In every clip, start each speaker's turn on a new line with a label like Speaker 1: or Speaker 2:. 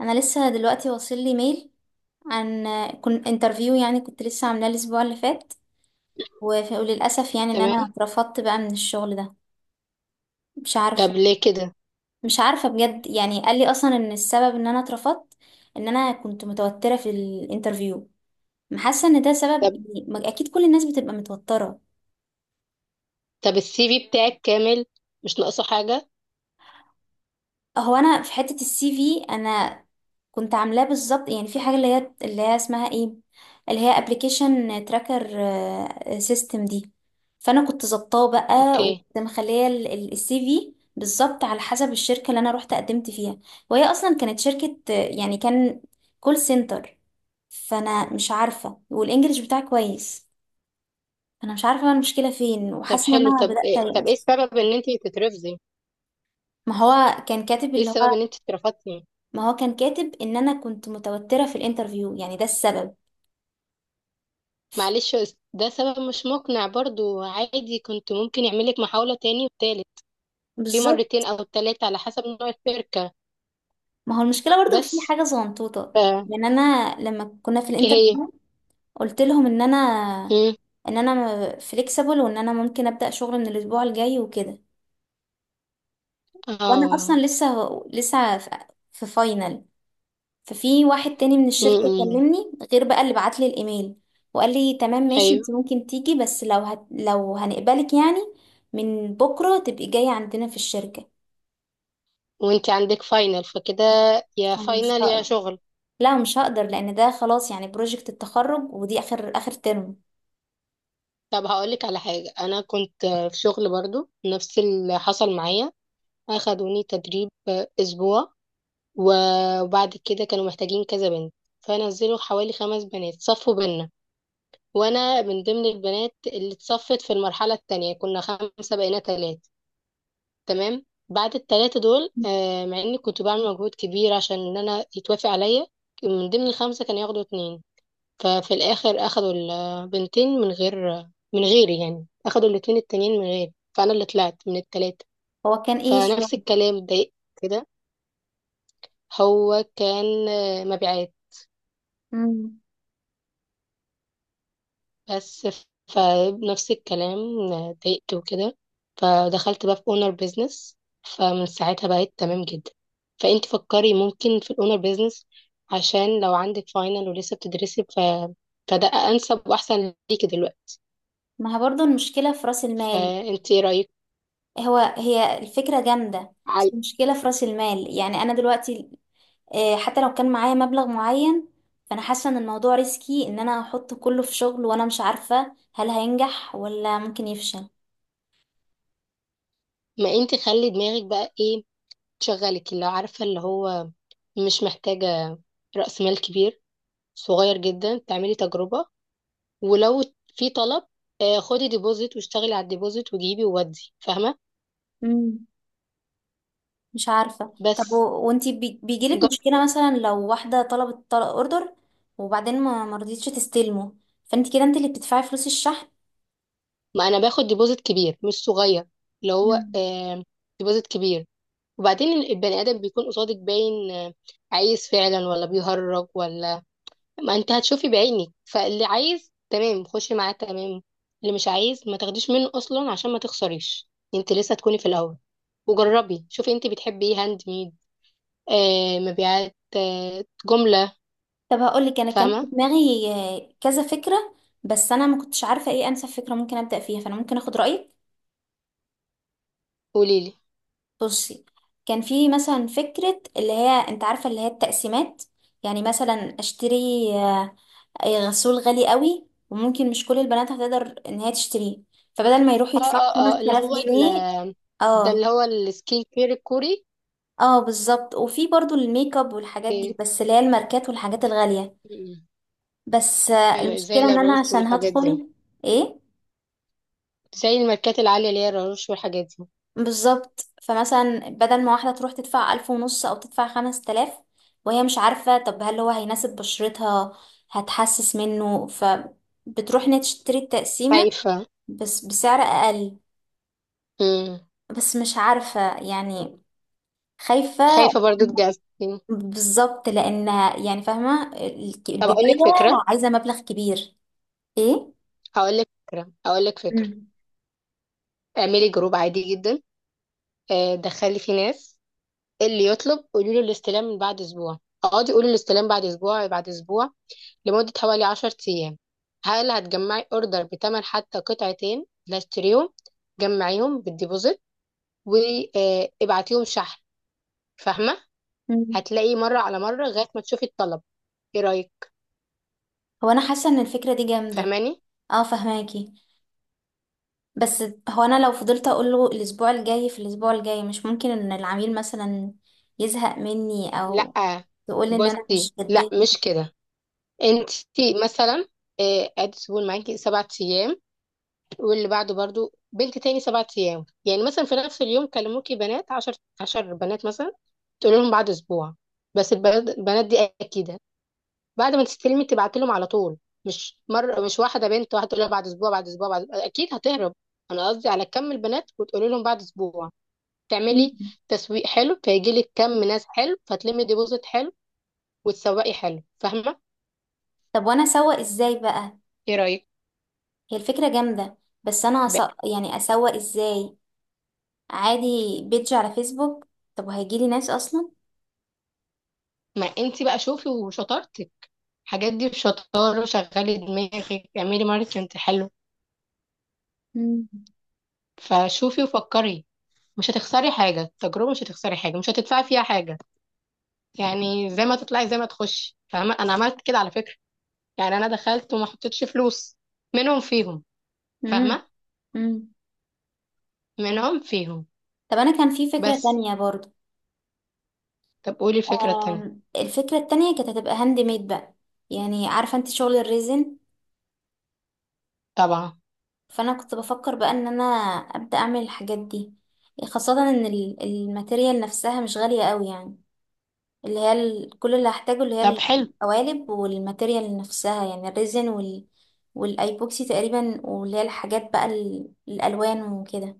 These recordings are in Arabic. Speaker 1: انا لسه دلوقتي واصل لي ميل عن كنت انترفيو. يعني كنت لسه عاملاه الاسبوع اللي فات. وللاسف يعني ان
Speaker 2: تمام.
Speaker 1: انا اترفضت بقى من الشغل ده. مش
Speaker 2: طب
Speaker 1: عارفه.
Speaker 2: ليه كده؟
Speaker 1: مش عارفه بجد، يعني قال لي اصلا ان السبب ان انا اترفضت ان انا كنت متوتره في الانترفيو. حاسه ان ده سبب،
Speaker 2: طب
Speaker 1: يعني اكيد كل الناس بتبقى متوتره.
Speaker 2: طب السي في بتاعك كامل؟ مش ناقصه حاجه؟
Speaker 1: هو انا في حته السي في انا كنت عاملاه بالظبط، يعني في حاجة اللي هي اسمها ايه، اللي هي ابلكيشن تراكر سيستم دي. فانا كنت ظبطاه بقى
Speaker 2: اوكي.
Speaker 1: وكنت مخليه السي في بالظبط على حسب الشركة اللي انا رحت قدمت فيها. وهي اصلا كانت شركة آه، يعني كان كول سنتر. فانا مش عارفة، والانجليش بتاعي كويس. انا مش عارفة بقى المشكلة فين،
Speaker 2: طب
Speaker 1: وحاسة ان
Speaker 2: حلو.
Speaker 1: انا
Speaker 2: طب
Speaker 1: بدأت
Speaker 2: إيه طب ايه
Speaker 1: ايأس.
Speaker 2: السبب ان انت تترفضي؟
Speaker 1: ما هو كان كاتب
Speaker 2: ايه
Speaker 1: اللي
Speaker 2: السبب
Speaker 1: هو،
Speaker 2: ان انت اترفضتي؟
Speaker 1: ما هو كان كاتب ان انا كنت متوترة في الانترفيو، يعني ده السبب.
Speaker 2: معلش، ده سبب مش مقنع برضو، عادي كنت ممكن يعملك محاوله تاني وتالت، في
Speaker 1: بالظبط.
Speaker 2: مرتين او تلاتة على حسب نوع الشركه.
Speaker 1: ما هو المشكله برضو في
Speaker 2: بس
Speaker 1: حاجه صغنطوطه.
Speaker 2: ف-
Speaker 1: يعني انا لما كنا في
Speaker 2: ايه هي؟
Speaker 1: الانترفيو قلت لهم ان انا
Speaker 2: مم.
Speaker 1: ان انا فليكسبل وان انا ممكن ابدا شغل من الاسبوع الجاي وكده. وانا اصلا
Speaker 2: اه.
Speaker 1: لسه في فاينل. ففي واحد تاني من الشركه
Speaker 2: مم.
Speaker 1: كلمني غير بقى اللي بعت لي الايميل، وقال لي تمام ماشي
Speaker 2: ايوه.
Speaker 1: انت ممكن تيجي، بس لو هنقبلك يعني من بكره تبقي جايه عندنا في الشركه.
Speaker 2: وانت عندك فاينل، فكده يا
Speaker 1: مش
Speaker 2: فاينل يا
Speaker 1: هقدر.
Speaker 2: شغل.
Speaker 1: لا مش هقدر لان ده خلاص يعني بروجكت التخرج، ودي اخر اخر ترم.
Speaker 2: طب هقولك على حاجة، أنا كنت في شغل برضو نفس اللي حصل معايا، أخدوني تدريب أسبوع وبعد كده كانوا محتاجين كذا بنت، فنزلوا حوالي خمس بنات صفوا بينا، وأنا من ضمن البنات اللي اتصفت. في المرحلة التانية كنا خمسة بقينا تلاتة، تمام. بعد التلاتة دول، مع إني كنت بعمل مجهود كبير عشان إن أنا يتوافق عليا من ضمن الخمسة كانوا ياخدوا اتنين، ففي الاخر اخدوا البنتين من غير من غيري، يعني اخدوا الاتنين التانيين من غيري، فانا اللي طلعت من التلاتة.
Speaker 1: هو كان ايه الشغل؟
Speaker 2: فنفس الكلام اتضايقت كده. هو كان مبيعات
Speaker 1: مم.
Speaker 2: بس. فنفس الكلام، اتضايقت وكده. فدخلت بقى في اونر بيزنس، فمن ساعتها بقيت تمام جدا. فانت فكري ممكن في الاونر بيزنس، عشان لو عندك فاينل ولسه بتدرسي فده انسب واحسن ليكي دلوقتي.
Speaker 1: ما هي برضو المشكلة في رأس المال.
Speaker 2: فانت ايه رايك؟
Speaker 1: هو هي الفكرة جامدة، بس المشكلة في رأس المال. يعني انا دلوقتي آه، حتى لو كان معايا مبلغ معين فانا حاسة ان الموضوع ريسكي ان انا احط كله في شغل وانا مش عارفة هل هينجح ولا ممكن يفشل.
Speaker 2: ما انت خلي دماغك بقى ايه تشغلك، اللي عارفه اللي هو مش محتاجه راس مال كبير، صغير جدا تعملي تجربه. ولو في طلب، خدي ديبوزيت واشتغلي على الديبوزيت وجيبي وودي. فاهمه؟
Speaker 1: مم. مش عارفة.
Speaker 2: بس
Speaker 1: بيجيلك
Speaker 2: جر-
Speaker 1: مشكلة مثلا لو واحدة طلبت طلب اوردر، وبعدين ما مرضيتش تستلمه، فانت كده انت اللي بتدفعي فلوس الشحن.
Speaker 2: ما انا باخد ديبوزيت كبير مش صغير، اللي هو ديبوزيت كبير. وبعدين البني ادم بيكون قصادك باين، عايز فعلا ولا بيهرج ولا، ما انت هتشوفي بعينك، فاللي عايز تمام خشي معاه تمام، اللي مش عايز ما تاخديش منه اصلا عشان ما تخسريش، انت لسه تكوني في الاول. وجربي شوفي انت بتحبي ايه، هاند ميد مبيعات جملة.
Speaker 1: طب هقول لك انا كان في
Speaker 2: فاهمة؟
Speaker 1: دماغي آه، كذا فكره. بس انا ما كنتش عارفه ايه انسب فكره ممكن ابدا فيها، فانا ممكن اخد رايك.
Speaker 2: قوليلي.
Speaker 1: بصي، كان في مثلا فكره اللي هي انت عارفه اللي هي التقسيمات. يعني مثلا اشتري آه، آه، غسول غالي قوي وممكن مش كل البنات هتقدر ان هي تشتريه. فبدل ما يروحوا
Speaker 2: اه،
Speaker 1: يدفعوا
Speaker 2: اه، اه،
Speaker 1: 5000 جنيه
Speaker 2: ده
Speaker 1: اه
Speaker 2: اللي هو السكين كير الكوري.
Speaker 1: اه بالظبط. وفي برضو الميك اب والحاجات دي،
Speaker 2: اوكي.
Speaker 1: بس اللي هي الماركات والحاجات الغاليه.
Speaker 2: م-م.
Speaker 1: بس آه،
Speaker 2: ايوه، زي
Speaker 1: المشكله
Speaker 2: لا
Speaker 1: ان انا
Speaker 2: روش
Speaker 1: عشان
Speaker 2: والحاجات دي،
Speaker 1: هدخل. ايه؟
Speaker 2: زي الماركات العالية اللي هي لا روش والحاجات دي.
Speaker 1: بالظبط. فمثلا بدل ما واحدة تروح تدفع 1500 أو تدفع 5000 وهي مش عارفة طب هل هو هيناسب بشرتها، هتحسس منه، فبتروح إنها تشتري التقسيمة
Speaker 2: خايفة.
Speaker 1: بس بسعر أقل.
Speaker 2: م.
Speaker 1: بس مش عارفة يعني، خايفة.
Speaker 2: خايفة برضو تجازفي.
Speaker 1: بالظبط، لأنها يعني فاهمة
Speaker 2: طب اقول
Speaker 1: البداية
Speaker 2: لك فكرة.
Speaker 1: عايزة مبلغ كبير. إيه؟
Speaker 2: هقول لك فكرة.
Speaker 1: مم.
Speaker 2: اعملي جروب عادي جدا، دخلي فيه ناس. اللي يطلب قولي له الاستلام من بعد اسبوع، اقعدي قولي الاستلام بعد اسبوع بعد اسبوع لمدة حوالي 10 ايام. هل هتجمعي اوردر بتمن حتى قطعتين لا اشتريهم، جمعيهم بالديبوزيت وابعتيهم شحن. فاهمة؟
Speaker 1: مم.
Speaker 2: هتلاقي مرة على مرة لغاية ما تشوفي الطلب. ايه رأيك؟
Speaker 1: هو أنا حاسة إن الفكرة دي جامدة.
Speaker 2: فاهماني؟
Speaker 1: اه فهماكي. بس هو انا لو فضلت اقول له الاسبوع الجاي في الاسبوع الجاي، مش ممكن ان العميل مثلا يزهق مني او
Speaker 2: لا،
Speaker 1: يقول ان انا
Speaker 2: بصي
Speaker 1: مش
Speaker 2: لا
Speaker 1: جدية.
Speaker 2: مش كده. انت مثلا، ادي سيبون معاكي سبعة ايام، واللي بعده برضو بنت تاني سبعة أيام، يعني مثلا في نفس اليوم كلموكي بنات عشر بنات مثلا، تقول لهم بعد أسبوع. بس البنات دي أكيدة بعد ما تستلمي تبعت لهم على طول، مش مرة، مش واحدة بنت واحدة تقول لها بعد أسبوع بعد أسبوع بعد، أكيد هتهرب. أنا قصدي على كم البنات وتقولي لهم بعد أسبوع، تعملي
Speaker 1: مم.
Speaker 2: تسويق حلو، فيجي لك كم ناس حلو، فتلمي ديبوزيت حلو وتسوقي حلو. فاهمة؟
Speaker 1: طب وانا اسوق ازاي بقى؟
Speaker 2: إيه رأيك؟
Speaker 1: هي الفكرة جامدة، بس انا
Speaker 2: ب-
Speaker 1: أس... يعني اسوق ازاي؟ عادي، بيدج على فيسبوك؟ طب وهيجيلي ناس اصلا؟
Speaker 2: ما أنت بقى شوفي وشطارتك، الحاجات دي بشطارة، شغلي دماغك اعملي ماركتنج حلو.
Speaker 1: مم.
Speaker 2: فشوفي وفكري، مش هتخسري حاجة، التجربة مش هتخسري حاجة، مش هتدفعي فيها حاجة، يعني زي ما تطلعي زي ما تخشي. فاهمة؟ أنا عملت كده على فكرة، يعني أنا دخلت وما حطيتش فلوس منهم فيهم.
Speaker 1: مم.
Speaker 2: فاهمة؟
Speaker 1: مم.
Speaker 2: منهم فيهم
Speaker 1: طب انا كان في فكرة
Speaker 2: بس.
Speaker 1: تانية برضو.
Speaker 2: طب قولي الفكرة التانية.
Speaker 1: آم، الفكرة التانية كانت هتبقى هاند ميد بقى. يعني عارفة انت شغل الريزن.
Speaker 2: طبعا.
Speaker 1: فانا كنت بفكر بقى ان انا ابدا اعمل الحاجات دي، خاصه ان الماتيريال نفسها مش غاليه قوي، يعني اللي هي كل اللي هحتاجه اللي
Speaker 2: طب
Speaker 1: هي
Speaker 2: حلو،
Speaker 1: القوالب والماتيريال نفسها، يعني الريزن وال والايبوكسي تقريبا، واللي هي الحاجات بقى الالوان وكده.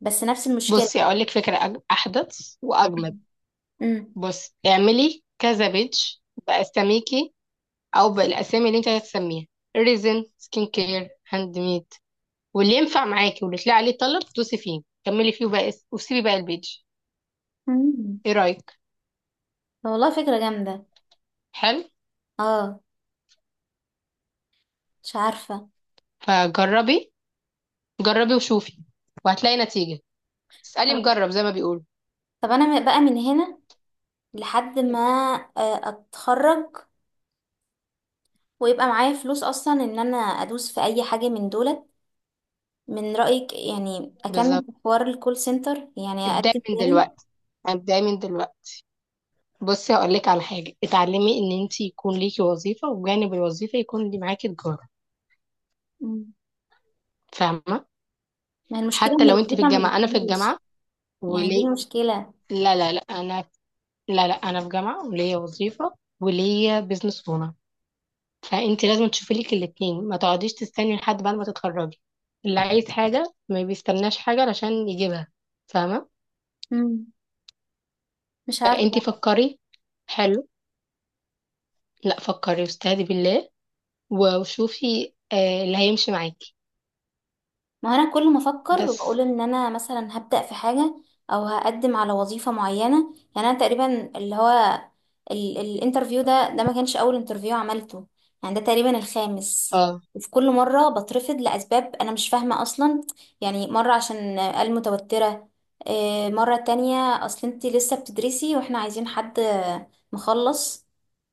Speaker 1: بس نفس المشكله.
Speaker 2: بصي أقولك فكرة أحدث وأجمد.
Speaker 1: امم.
Speaker 2: بصي اعملي كذا بيتش بأساميكي او بالاسامي اللي انت هتسميها، ريزن، سكين كير، هاند ميد، واللي ينفع معاكي واللي تلاقي عليه طلب دوسي فيه كملي فيه وبقى وسيبي بقى البيج.
Speaker 1: أمم.
Speaker 2: ايه رايك؟
Speaker 1: والله فكره جامده.
Speaker 2: حلو.
Speaker 1: اه. مش عارفه.
Speaker 2: فجربي، جربي وشوفي وهتلاقي نتيجه، اسالي
Speaker 1: طب،
Speaker 2: مجرب زي ما بيقولوا.
Speaker 1: طب انا بقى من هنا لحد ما آه، اتخرج ويبقى معايا فلوس اصلا ان انا ادوس في اي حاجه من دولت، من رايك يعني
Speaker 2: بالظبط،
Speaker 1: اكمل في حوار الكول سنتر يعني
Speaker 2: ابداي
Speaker 1: اقدم
Speaker 2: من
Speaker 1: تاني؟
Speaker 2: دلوقتي، ابداي من دلوقتي. بصي هقول لك على حاجه، اتعلمي ان انت يكون ليكي وظيفه وجانب الوظيفه يكون اللي معاكي تجاره.
Speaker 1: مم.
Speaker 2: فاهمه؟
Speaker 1: ما هي المشكله
Speaker 2: حتى
Speaker 1: ان
Speaker 2: لو انت في
Speaker 1: الوظيفه ما
Speaker 2: الجامعه، انا في
Speaker 1: بتجيش.
Speaker 2: الجامعه.
Speaker 1: يعني دي
Speaker 2: وليه؟
Speaker 1: المشكله.
Speaker 2: لا، لا، لا، انا في جامعه وليا وظيفه وليا بيزنس اونر، فانت لازم تشوفي لك الاثنين، ما تقعديش تستني لحد بعد ما تتخرجي، اللي عايز حاجه ما بيستناش حاجه علشان يجيبها. فاهمه؟
Speaker 1: مم. مش عارفه.
Speaker 2: فانت فكري. حلو. لا، فكري واستهدي بالله، وشوفي اللي هيمشي معاكي.
Speaker 1: ما انا كل ما افكر
Speaker 2: بس.
Speaker 1: واقول ان انا مثلا هبدأ في حاجة او هقدم على وظيفة معينة، يعني انا تقريبا اللي هو الانترفيو ده ما كانش اول انترفيو عملته، يعني ده تقريبا الخامس.
Speaker 2: اه.
Speaker 1: وفي كل مرة بترفض لأسباب انا مش فاهمة اصلا. يعني مرة عشان آه، قال متوترة، آه، مرة تانية اصل انت لسه بتدرسي واحنا عايزين حد مخلص،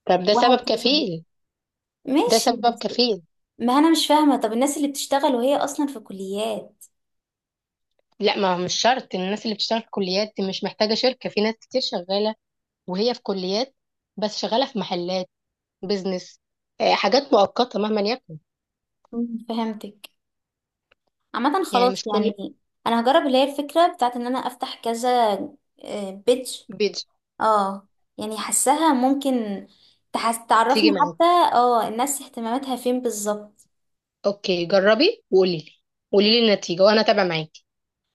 Speaker 2: طب ده سبب
Speaker 1: وهكذا.
Speaker 2: كفيل، ده
Speaker 1: ماشي
Speaker 2: سبب
Speaker 1: بس،
Speaker 2: كفيل.
Speaker 1: ما انا مش فاهمة طب الناس اللي بتشتغل وهي اصلا في كليات؟
Speaker 2: لا، ما هو مش شرط الناس اللي بتشتغل في كليات دي مش محتاجه شركه، في ناس كتير شغاله وهي في كليات، بس شغاله في محلات، بيزنس، حاجات مؤقتة مهما يكن.
Speaker 1: مم، فهمتك. عامة
Speaker 2: يعني
Speaker 1: خلاص
Speaker 2: مش كل
Speaker 1: يعني، انا هجرب اللي هي الفكرة بتاعت ان انا افتح كذا بيج.
Speaker 2: بيج
Speaker 1: اه. يعني حاساها ممكن تحس تعرفني
Speaker 2: تيجي معاك.
Speaker 1: حتى اه الناس اهتماماتها فين بالظبط.
Speaker 2: اوكي جربي وقولي لي، قولي لي النتيجة وانا تابع معاكي.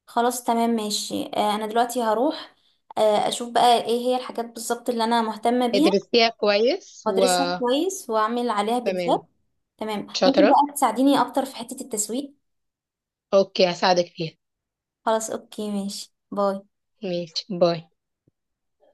Speaker 1: خلاص تمام ماشي آه، انا دلوقتي هروح آه، اشوف بقى ايه هي الحاجات بالظبط اللي انا مهتمة بيها،
Speaker 2: ادرسيها كويس و...
Speaker 1: وادرسها كويس واعمل عليها
Speaker 2: تمام.
Speaker 1: فيديوهات. تمام ممكن
Speaker 2: شاطرة.
Speaker 1: بقى تساعديني اكتر في حتة التسويق.
Speaker 2: اوكي هساعدك فيها.
Speaker 1: خلاص اوكي ماشي باي.
Speaker 2: ماشي، باي.